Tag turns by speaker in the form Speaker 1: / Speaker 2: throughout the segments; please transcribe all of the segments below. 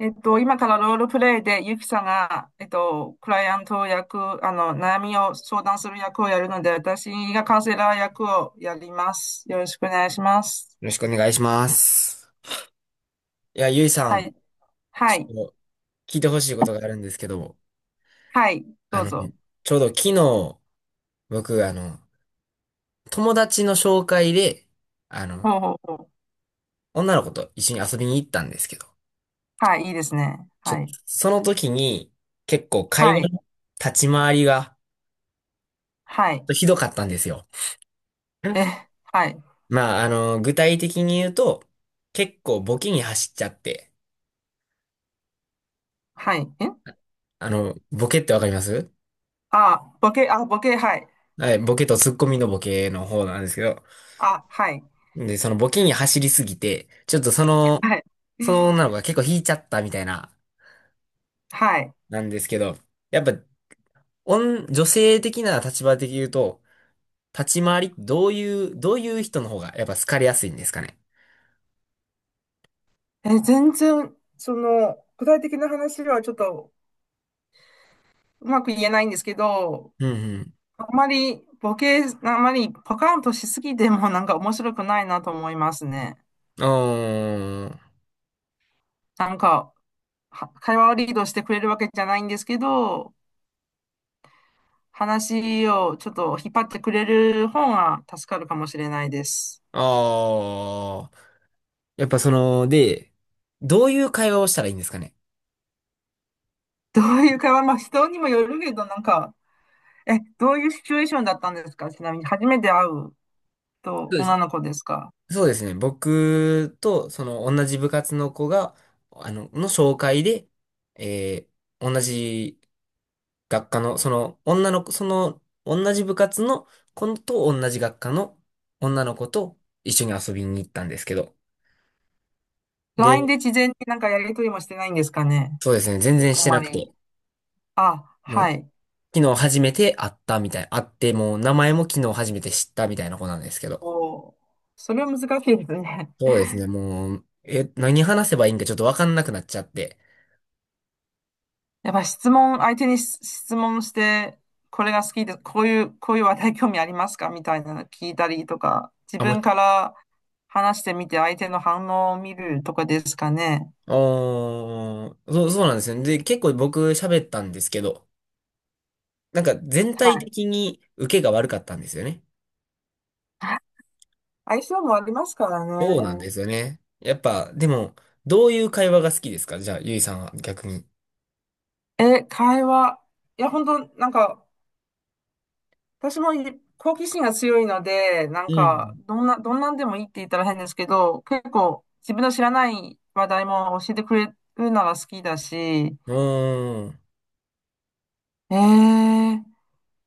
Speaker 1: 今からロールプレイで、ゆきさんが、クライアント役、あの、悩みを相談する役をやるので、私がカウンセラー役をやります。よろしくお願いします。
Speaker 2: よろしくお願いします。いや、ゆいさ
Speaker 1: は
Speaker 2: ん、
Speaker 1: い。は
Speaker 2: ち
Speaker 1: い。
Speaker 2: ょっと聞いてほしいことがあるんですけど、
Speaker 1: はい。どうぞ。
Speaker 2: ちょうど昨日、僕、友達の紹介で、あ
Speaker 1: ほ
Speaker 2: の、
Speaker 1: うほうほう。
Speaker 2: 女の子と一緒に遊びに行ったんですけど、
Speaker 1: はい。いいですね。
Speaker 2: ちょっ
Speaker 1: は
Speaker 2: と、
Speaker 1: い。
Speaker 2: その時に、結構会
Speaker 1: は
Speaker 2: 話
Speaker 1: い。
Speaker 2: の立ち回りが
Speaker 1: はい。
Speaker 2: ひどかったんですよ。ん
Speaker 1: え、はい。
Speaker 2: まあ、具体的に言うと、結構ボケに走っちゃって、
Speaker 1: はい。え
Speaker 2: ボケってわかります？
Speaker 1: あ、ボケ、はい。
Speaker 2: はい、ボケとツッコミのボケの方なんですけど、
Speaker 1: あ、はい。
Speaker 2: で、そのボケに走りすぎて、ちょっと
Speaker 1: はい。
Speaker 2: その女の子が結構引いちゃったみたいな、
Speaker 1: はい。
Speaker 2: なんですけど、やっぱ、女性的な立場的に言うと、立ち回り、どういう人の方がやっぱ好かれやすいんですかね。
Speaker 1: え、全然、その、具体的な話はちょっとうまく言えないんですけど、
Speaker 2: うん
Speaker 1: あまり、ボケ、あまりパカンとしすぎてもなんか面白くないなと思いますね。
Speaker 2: うん。うーん。
Speaker 1: なんか、は会話をリードしてくれるわけじゃないんですけど、話をちょっと引っ張ってくれる方が助かるかもしれないです。
Speaker 2: ああ。やっぱで、どういう会話をしたらいいんですかね。
Speaker 1: どういう会話、まあ人にもよるけど、なんか、え、どういうシチュエーションだったんですかちなみに、初めて会うと
Speaker 2: そうです
Speaker 1: 女
Speaker 2: ね。
Speaker 1: の子ですか？
Speaker 2: そうですね。僕と、同じ部活の子が、紹介で、えー同じ学科の、女の子、同じ部活の子と同じ学科の女の子と一緒に遊びに行ったんですけど。
Speaker 1: LINE
Speaker 2: で、
Speaker 1: で事前になんかやりとりもしてないんですかね。
Speaker 2: そうですね、全然
Speaker 1: あ
Speaker 2: し
Speaker 1: ん
Speaker 2: て
Speaker 1: ま
Speaker 2: なく
Speaker 1: り。
Speaker 2: て、
Speaker 1: あ、
Speaker 2: も
Speaker 1: は
Speaker 2: う、
Speaker 1: い。
Speaker 2: 昨日初めて会ったみたい、会って、もう名前も昨日初めて知ったみたいな子なんですけど。
Speaker 1: おー、それは難しいですね。
Speaker 2: そうですね、もう、何話せばいいんかちょっとわかんなくなっちゃって。
Speaker 1: やっぱ質問、相手にし質問して、これが好きで、こういう、こういう話題興味ありますかみたいなの聞いたりとか、自
Speaker 2: あ、もう、
Speaker 1: 分から話してみて相手の反応を見るとかですかね。
Speaker 2: おー、そうなんですよね。で、結構僕喋ったんですけど、なんか全
Speaker 1: は
Speaker 2: 体
Speaker 1: い。
Speaker 2: 的に受けが悪かったんですよね。
Speaker 1: 相性もありますから
Speaker 2: そうなんで
Speaker 1: ね。
Speaker 2: すよね。やっぱ、でも、どういう会話が好きですか？じゃあ、ゆいさんは逆に。
Speaker 1: え、会話。いや、本当なんか、私もい好奇心が強いので、なん
Speaker 2: う
Speaker 1: か、
Speaker 2: ん。
Speaker 1: どんな、どんなんでもいいって言ったら変ですけど、結構自分の知らない話題も教えてくれるなら好きだし、
Speaker 2: うーん。
Speaker 1: えー、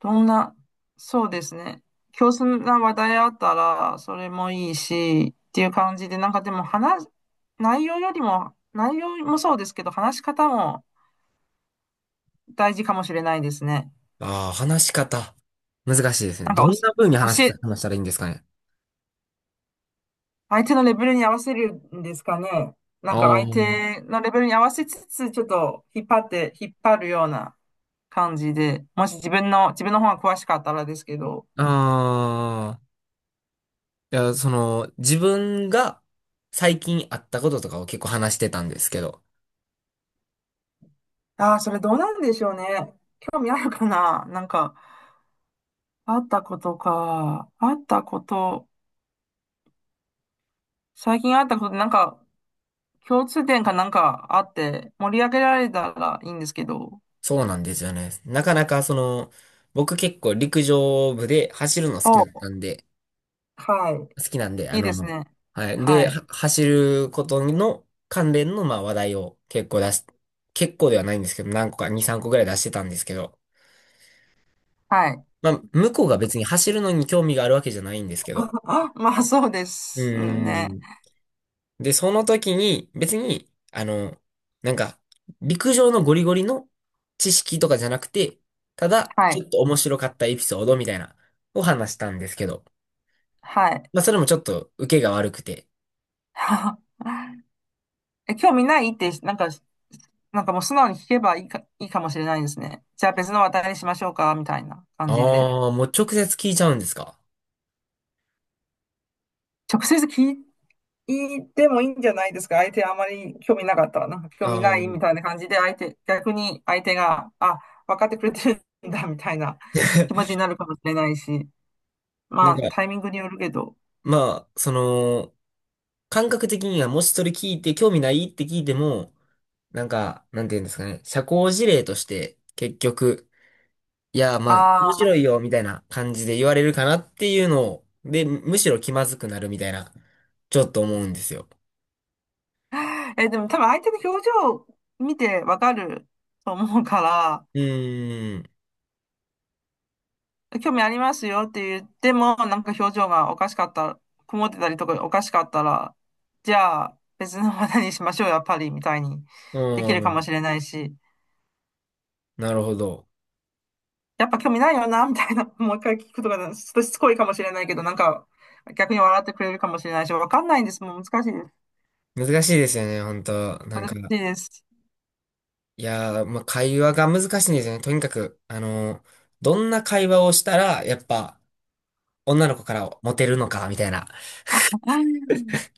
Speaker 1: どんな、そうですね。共通な話題あったら、それもいいし、っていう感じで、なんかでも話、内容よりも、内容もそうですけど、話し方も大事かもしれないですね。
Speaker 2: ああ、話し方。難しいですね。
Speaker 1: なん
Speaker 2: ど
Speaker 1: か
Speaker 2: ん
Speaker 1: おし、
Speaker 2: な風に
Speaker 1: 教え、
Speaker 2: 話したらいいんですかね。
Speaker 1: 相手のレベルに合わせるんですかね。なんか相
Speaker 2: あ
Speaker 1: 手のレベルに合わせつつ、ちょっと引っ張って、引っ張るような感じで、もし自分の、自分の方が詳しかったらですけど。
Speaker 2: あ、ああ、いや、自分が最近あったこととかを結構話してたんですけど、
Speaker 1: ああ、それどうなんでしょうね。興味あるかななんか、あったことか。あったこと、最近あったことなんか、共通点かなんかあって、盛り上げられたらいいんですけど。
Speaker 2: そうなんですよね。なかなか、僕結構陸上部で走るの
Speaker 1: お、は
Speaker 2: 好きなんで、
Speaker 1: い。いいですね。
Speaker 2: はい。
Speaker 1: は
Speaker 2: で、
Speaker 1: い。
Speaker 2: は走ることの関連の、まあ、話題を結構出す。結構ではないんですけど、何個か、2、3個ぐらい出してたんですけど、
Speaker 1: はい。
Speaker 2: まあ、向こうが別に走るのに興味があるわけじゃないんですけど、
Speaker 1: あ、まあそうで
Speaker 2: う
Speaker 1: す
Speaker 2: ー
Speaker 1: ね。
Speaker 2: ん。で、その時に、別に、なんか、陸上のゴリゴリの知識とかじゃなくて、ただ、
Speaker 1: は
Speaker 2: ち
Speaker 1: い。
Speaker 2: ょっと面白かったエピソードみたいな、を話したんですけど、
Speaker 1: はい。
Speaker 2: まあ、それもちょっと受けが悪くて、
Speaker 1: え、興味ないって、なんか、なんかもう素直に聞けばいいか、いいかもしれないですね。じゃあ別の話題にしましょうか、みたいな感
Speaker 2: ああ、
Speaker 1: じで。
Speaker 2: もう直接聞いちゃうんですか？
Speaker 1: 直接聞いてもいいんじゃないですか。相手あまり興味なかったら、なんか興
Speaker 2: あ
Speaker 1: 味ないみ
Speaker 2: ー
Speaker 1: たいな感じで、相手、逆に相手が、あ、分かってくれてるんだ、みたいな気持ちに なるかもしれないし。
Speaker 2: な
Speaker 1: ま
Speaker 2: んか、
Speaker 1: あ、タイミングによるけど。
Speaker 2: まあ、感覚的には、もしそれ聞いて、興味ないって聞いても、なんか、なんていうんですかね、社交辞令として、結局、いや、まあ、面
Speaker 1: あ
Speaker 2: 白い
Speaker 1: あ。
Speaker 2: よ、みたいな感じで言われるかなっていうのを、で、むしろ気まずくなるみたいな、ちょっと思うんですよ。
Speaker 1: え、でも多分相手の表情見てわかると思うから、
Speaker 2: うーん、
Speaker 1: 興味ありますよって言っても、なんか表情がおかしかったら、曇ってたりとかおかしかったら、じゃあ別の話題にしましょう、やっぱり、みたいに
Speaker 2: う
Speaker 1: できるかも
Speaker 2: ん、
Speaker 1: しれないし、
Speaker 2: なるほど。
Speaker 1: やっぱ興味ないよな、みたいな、もう一回聞くとか、ちょっとしつこいかもしれないけど、なんか逆に笑ってくれるかもしれないし、わかんないんです。もう難しいです。
Speaker 2: 難しいですよね、本当なん
Speaker 1: 難し
Speaker 2: か、
Speaker 1: いです。
Speaker 2: いやー、まあ、会話が難しいんですよね。とにかく、どんな会話をしたら、やっぱ、女の子からモテるのか、みたいな。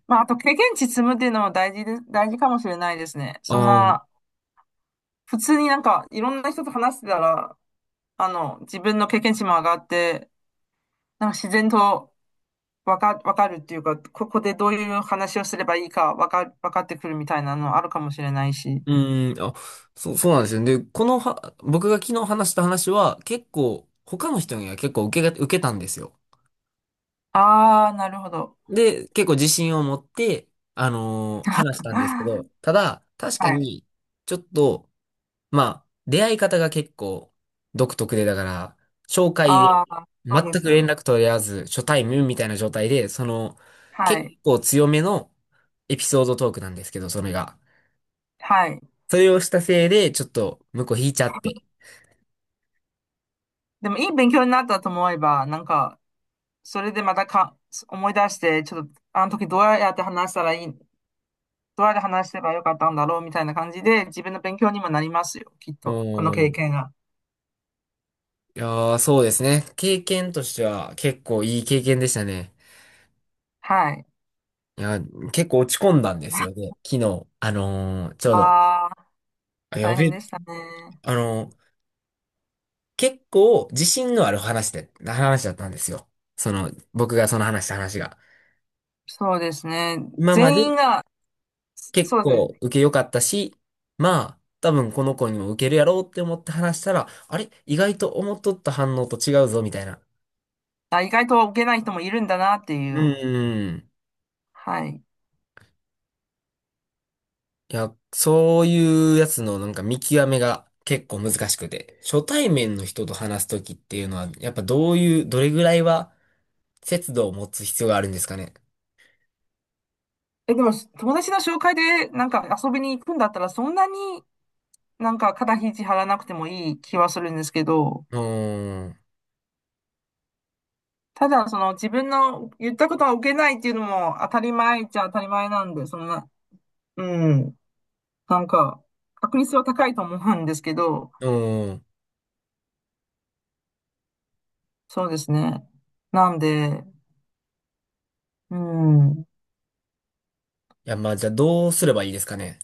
Speaker 1: まあ、あと経験値積むっていうのも大事で、大事かもしれないですね。そん
Speaker 2: ああ、う
Speaker 1: な、普通になんかいろんな人と話してたら、あの、自分の経験値も上がって、なんか自然とわか、わかるっていうか、ここでどういう話をすればいいかわか、わかってくるみたいなのあるかもしれないし。
Speaker 2: ーん、あ、そうなんですよね。で、このは、僕が昨日話した話は、結構、他の人には結構受けたんですよ。
Speaker 1: ああ、なるほど。
Speaker 2: で、結構自信を持って、話し たんですけ
Speaker 1: は
Speaker 2: ど、ただ、確か
Speaker 1: い。
Speaker 2: に、ちょっと、まあ、出会い方が結構、独特で、だから、紹介で、
Speaker 1: ああ、そ
Speaker 2: 全
Speaker 1: うです
Speaker 2: く連
Speaker 1: ね。
Speaker 2: 絡取り合わず、初対面みたいな状態で、
Speaker 1: は
Speaker 2: 結
Speaker 1: い。
Speaker 2: 構強めのエピソードトークなんですけど、それが。
Speaker 1: はい。
Speaker 2: それをしたせいで、ちょっと向こう引いちゃって。
Speaker 1: でもいい勉強になったと思えば、なんか、それでまたか、思い出して、ちょっと、あの時どうやって話したらいい、どうやって話せばよかったんだろうみたいな感じで、自分の勉強にもなりますよ、きっ
Speaker 2: う
Speaker 1: と。この経
Speaker 2: ん。
Speaker 1: 験が。
Speaker 2: いやー、そうですね。経験としては結構いい経験でしたね。
Speaker 1: はい。
Speaker 2: いや、結構落ち込んだんですよ ね。昨日、ちょうど。
Speaker 1: ああ、
Speaker 2: あや
Speaker 1: 大
Speaker 2: べ
Speaker 1: 変
Speaker 2: え、
Speaker 1: でしたね。
Speaker 2: あのー結構自信のある話だったんですよ。僕がその話した話が。
Speaker 1: そうですね。
Speaker 2: 今ま
Speaker 1: 全
Speaker 2: で
Speaker 1: 員が、
Speaker 2: 結
Speaker 1: そうですね。
Speaker 2: 構受け良かったし、まあ、多分この子にも受けるやろうって思って話したら、あれ意外と思っとった反応と違うぞ、みたいな。
Speaker 1: あ、意外と受けない人もいるんだなってい
Speaker 2: う
Speaker 1: う。
Speaker 2: ん。
Speaker 1: はい。
Speaker 2: いや、そういうやつのなんか見極めが結構難しくて、初対面の人と話すときっていうのは、やっぱどういう、どれぐらいは節度を持つ必要があるんですかね。
Speaker 1: え、でも、友達の紹介でなんか遊びに行くんだったら、そんなになんか肩肘張らなくてもいい気はするんですけど、
Speaker 2: うーん。
Speaker 1: ただ、その自分の言ったことは受けないっていうのも当たり前っちゃ当たり前なんで、そんな、うん、なんか、確率は高いと思うんですけど、
Speaker 2: うーん。
Speaker 1: そうですね。なんで、うん。
Speaker 2: いや、まあじゃあどうすればいいですかね。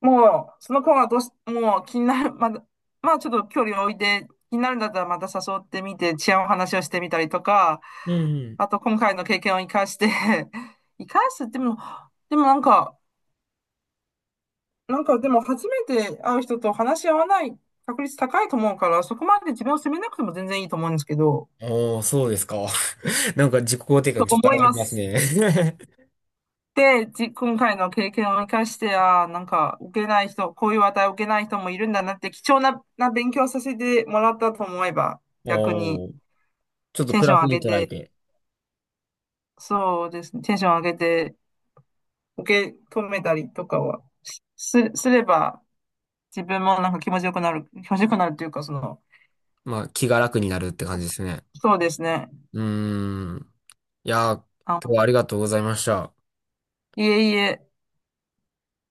Speaker 1: もう、その子はどうし、もう気になる、まだ、まあちょっと距離を置いて、気になるんだったらまた誘ってみて、治安の話をしてみたりとか、
Speaker 2: うん
Speaker 1: あと今回の経験を生かして 生かすっても、でもなんか、なんかでも初めて会う人と話し合わない確率高いと思うから、そこまで自分を責めなくても全然いいと思うんですけど、
Speaker 2: うん。おー、そうですか。なんか自己肯定感
Speaker 1: と
Speaker 2: ちょっと
Speaker 1: 思
Speaker 2: 上
Speaker 1: い
Speaker 2: がり
Speaker 1: ま
Speaker 2: ます
Speaker 1: す。
Speaker 2: ね。
Speaker 1: で、じ、今回の経験を生かして、あーなんか、受けない人、こういう話題を受けない人もいるんだなって、貴重な、な勉強させてもらったと思えば、逆に
Speaker 2: おー、ちょっと
Speaker 1: テン
Speaker 2: プ
Speaker 1: ショ
Speaker 2: ラ
Speaker 1: ン
Speaker 2: ス
Speaker 1: 上
Speaker 2: に
Speaker 1: げ
Speaker 2: 捉え
Speaker 1: て、
Speaker 2: て、
Speaker 1: そうですね、テンション上げて、受け止めたりとかは、しす、すれば、自分もなんか気持ちよくなる、気持ちよくなるというか、その、
Speaker 2: まあ気が楽になるって感じですね。
Speaker 1: そうですね。
Speaker 2: うーん。いやー、今日
Speaker 1: あ、
Speaker 2: はありがとうございました。
Speaker 1: いえいえ。